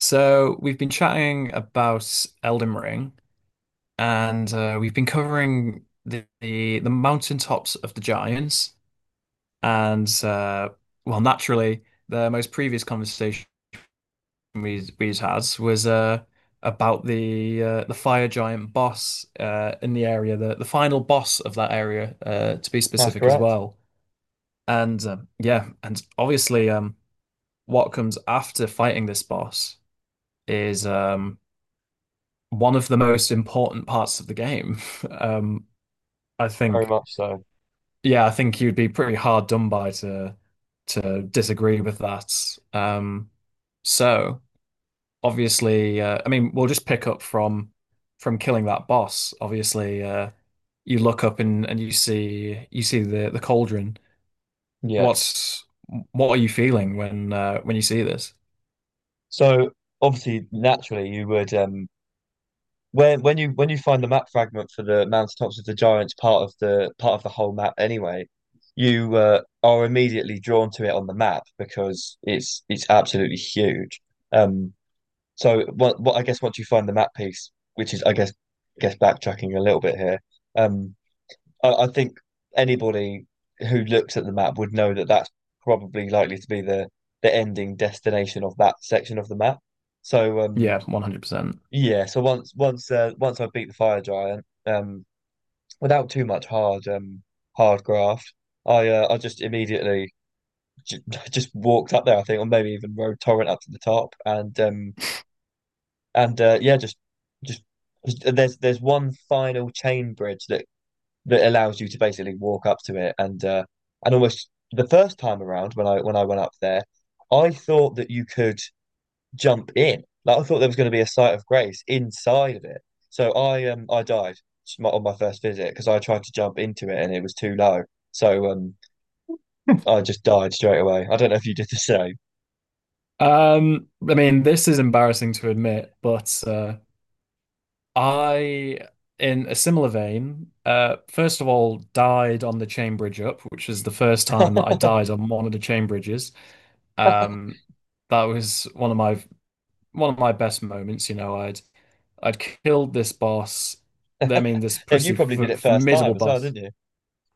So we've been chatting about Elden Ring, and we've been covering the mountaintops of the giants, and naturally, the most previous conversation we'd had was about the fire giant boss in the area, the final boss of that area, to be That's specific as correct. well. And Yeah, and obviously, what comes after fighting this boss is one of the most important parts of the game. Um, I Very think, much so. yeah, I think you'd be pretty hard done by to disagree with that. Um, so obviously, I mean, we'll just pick up from killing that boss. Obviously, you look up and you see the cauldron. Yeah. What's what are you feeling when you see this? So obviously, naturally, you would when you find the map fragment for the Mountaintops of the Giants part of the whole map anyway, you are immediately drawn to it on the map because it's absolutely huge. Um. So what I guess once you find the map piece, which is I guess backtracking a little bit here, um, I think anybody who looks at the map would know that that's probably likely to be the ending destination of that section of the map. So um Yeah, 100%. yeah, so once I beat the fire giant, without too much hard graft, I just immediately j just walked up there, I think, or maybe even rode Torrent up to the top and yeah, just there's one final chain bridge that that allows you to basically walk up to it and and almost the first time around when I went up there, I thought that you could jump in. Like I thought there was going to be a site of grace inside of it. So I died on my first visit because I tried to jump into it and it was too low. So um I just died straight away. I don't know if you did the same. I mean, this is embarrassing to admit, but I, in a similar vein, first of all, died on the chain bridge up, which is the first time that I died on one of the chain bridges. Um, that was one of my best moments. You know, I'd killed this boss. I mean, this And you pretty probably did f it first time formidable as well, boss. didn't you?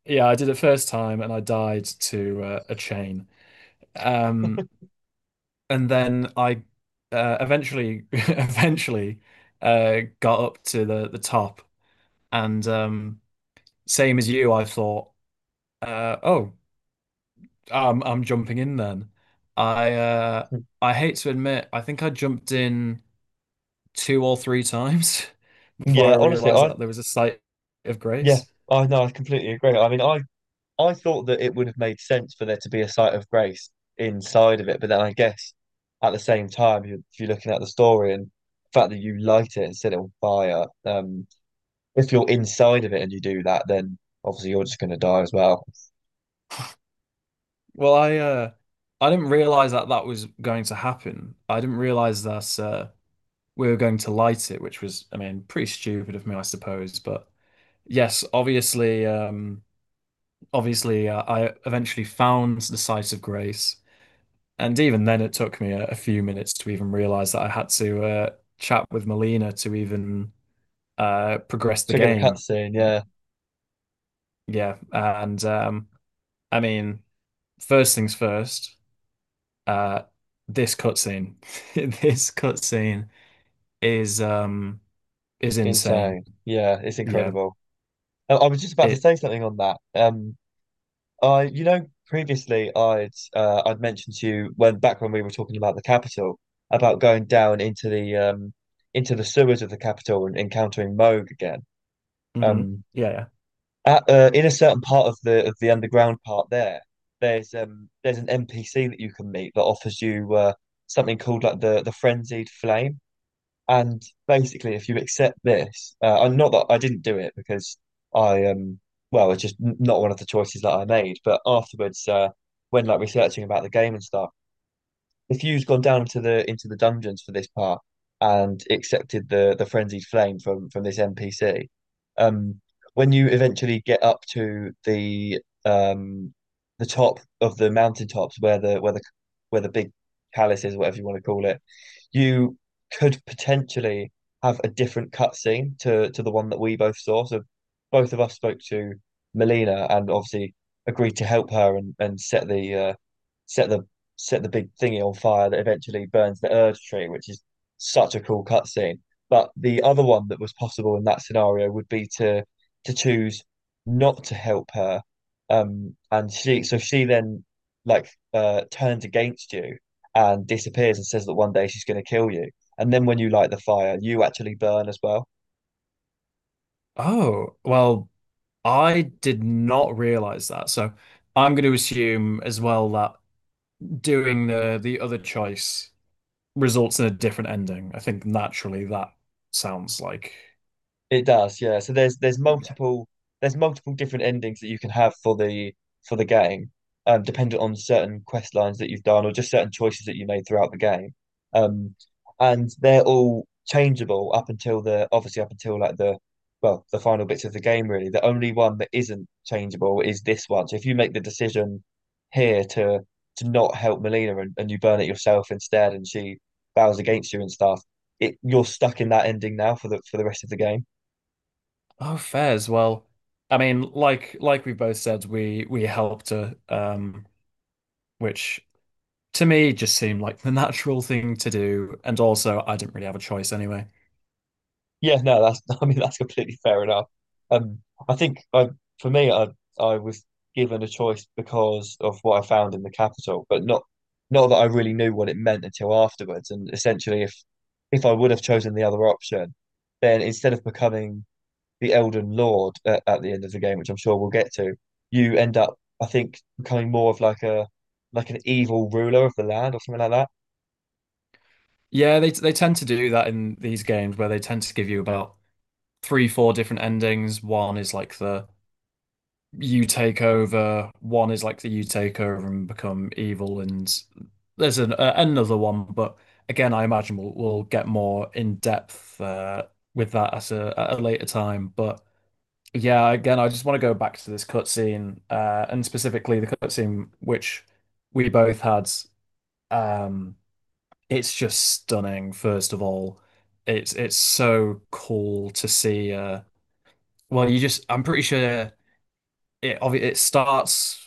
Yeah, I did it first time, and I died to a chain. Um, and then I eventually eventually got up to the top. And Same as you, I thought, oh, I'm jumping in then. I uh, I hate to admit, I think I jumped in two or three times Hmm. before I Yeah, honestly, realized I that there was a site of yeah, grace. I no, I completely agree. I mean, I thought that it would have made sense for there to be a site of grace inside of it, but then I guess at the same time, you- if you're looking at the story and the fact that you light it and set it on fire, if you're inside of it and you do that, then obviously you're just going to die as well. Well, I didn't realize that that was going to happen. I didn't realize that we were going to light it, which was, I mean, pretty stupid of me, I suppose. But yes, obviously, I eventually found the site of grace. And even then, it took me a few minutes to even realize that I had to chat with Molina to even progress the Trigger the game. cutscene, yeah, Yeah, and I mean, first things first, uh, this cutscene, this cutscene is um is insane. insane, yeah, it's Yeah, incredible. I was just about to it. say something on that. I, you know, previously I'd mentioned to you when back when we were talking about the capital about going down into the into the sewers of the capital and encountering Moog again. hmm, Um, yeah, yeah. at, in a certain part of the underground part there, there's an NPC that you can meet that offers you something called like the frenzied flame. And basically, if you accept this, and not that I didn't do it because I well, it's just n- not one of the choices that I made. But afterwards, when like researching about the game and stuff, if you'd gone down to the into the dungeons for this part and accepted the frenzied flame from this NPC, um, when you eventually get up to the um the top of the mountaintops where the where the big palace is, whatever you want to call it, you could potentially have a different cutscene to the one that we both saw. So both of us spoke to Melina and obviously agreed to help her, and set the set the big thingy on fire that eventually burns the urge tree, which is such a cool cutscene. But the other one that was possible in that scenario would be to choose not to help her, and she so she then like turns against you and disappears and says that one day she's going to kill you. And then when you light the fire, you actually burn as well. Oh, well, I did not realize that. So I'm going to assume as well that doing the other choice results in a different ending. I think naturally that sounds like It does, yeah. So there's there's yeah. multiple there's multiple different endings that you can have for the game, dependent on certain quest lines that you've done or just certain choices that you made throughout the game. Um, and they're all changeable up until the obviously up until the final bits of the game really. The only one that isn't changeable is this one. So if you make the decision here to not help Melina, and you burn it yourself instead, and she bows against you and stuff, it you're stuck in that ending now for the rest of the game. Oh, fair as well. I mean, like we both said, we helped her, which to me just seemed like the natural thing to do, and also I didn't really have a choice anyway. Yeah, no, that's I mean that's completely fair enough. Um, I think I for me I was given a choice because of what I found in the capital, but not not that I really knew what it meant until afterwards. And essentially, if I would have chosen the other option, then instead of becoming the Elden Lord at the end of the game, which I'm sure we'll get to, you end up I think becoming more of like a like an evil ruler of the land or something like that. Yeah, they tend to do that in these games where they tend to give you about three, four different endings. One is like the you take over. One is like the you take over and become evil, and there's an, another one, but again, I imagine we'll get more in depth with that at a later time. But yeah, again, I just want to go back to this cutscene, and specifically the cutscene which we both had. Um, it's just stunning. First of all, it's so cool to see. You just I'm pretty sure it starts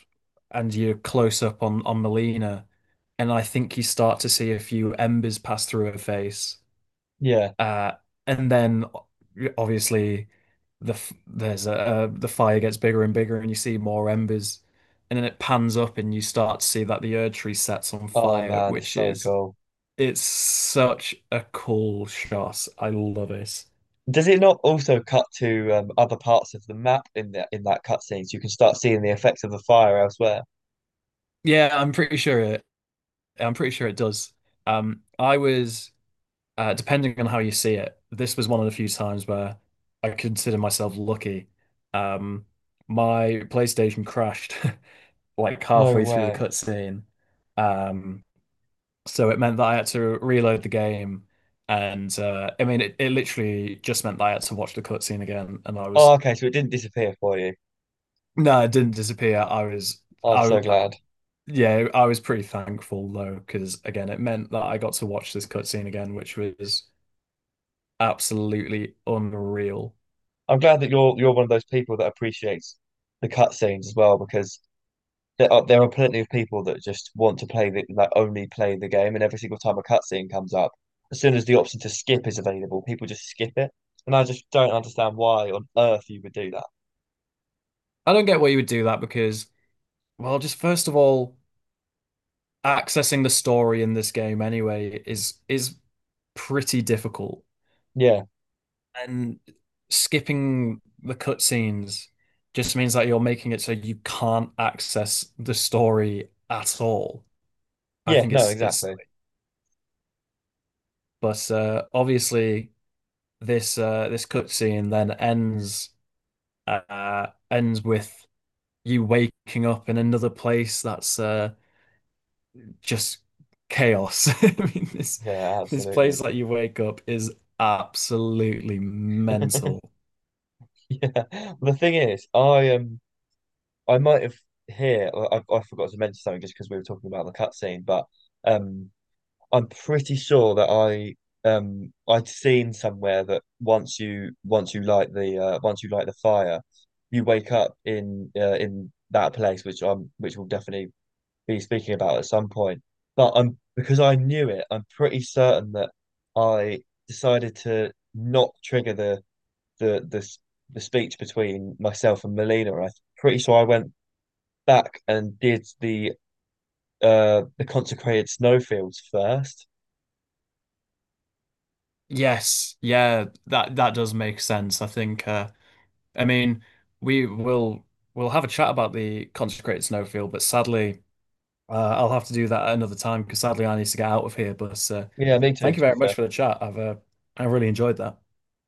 and you're close up on Melina, and I think you start to see a few embers pass through her face, Yeah. uh, and then o- obviously there's a the fire gets bigger and bigger, and you see more embers, and then it pans up and you start to see that the Erd tree sets on Oh fire, man, it's which so is cool. it's such a cool shot. I love it. Does it not also cut to other parts of the map in the in that cutscene, so you can start seeing the effects of the fire elsewhere? Yeah, I'm pretty sure it does. I was. Depending on how you see it, this was one of the few times where I consider myself lucky. Um, my PlayStation crashed like No halfway through the way. cutscene, um, so it meant that I had to reload the game, and I mean, it literally just meant that I had to watch the cutscene again, and I Oh, was okay. So it didn't disappear for you. no, it didn't disappear. I was. Oh, I'm so I- glad. Yeah, I was pretty thankful though, because again, it meant that I got to watch this cutscene again, which was absolutely unreal. I'm glad that you're one of those people that appreciates the cutscenes as well, because there are plenty of people that just want to play the like only play the game, and every single time a cutscene comes up, as soon as the option to skip is available, people just skip it, and I just don't understand why on earth you would do that. I don't get why you would do that because, well, just first of all, accessing the story in this game anyway is pretty difficult. Yeah. And skipping the cutscenes just means that you're making it so you can't access the story at all. I Yeah. think No. It's Exactly. but Obviously this cutscene then ends ends with you waking up in another place that's just chaos. I mean, Yeah. this Absolutely. place that you wake up is absolutely mental. Yeah, the thing is, I might have here. I forgot to mention something just because we were talking about the cutscene, but um, I'm pretty sure that I'd seen somewhere that once you light the once you light the fire, you wake up in that place, which I'm which we'll definitely be speaking about at some point. But I'm because I knew it, I'm pretty certain that I decided to not trigger the the the speech between myself and Melina, and I'm pretty sure I went back and did the consecrated snowfields first. Yes, yeah, that that does make sense. I think I mean we will We'll have a chat about the consecrated snowfield, but sadly I'll have to do that at another time because sadly I need to get out of here. But Yeah, me too, thank you to be very much fair. for the chat. I really enjoyed that.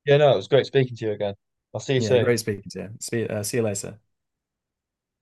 Yeah, no, it was great speaking to you again. I'll see you Yeah, soon. great speaking to you. See you later.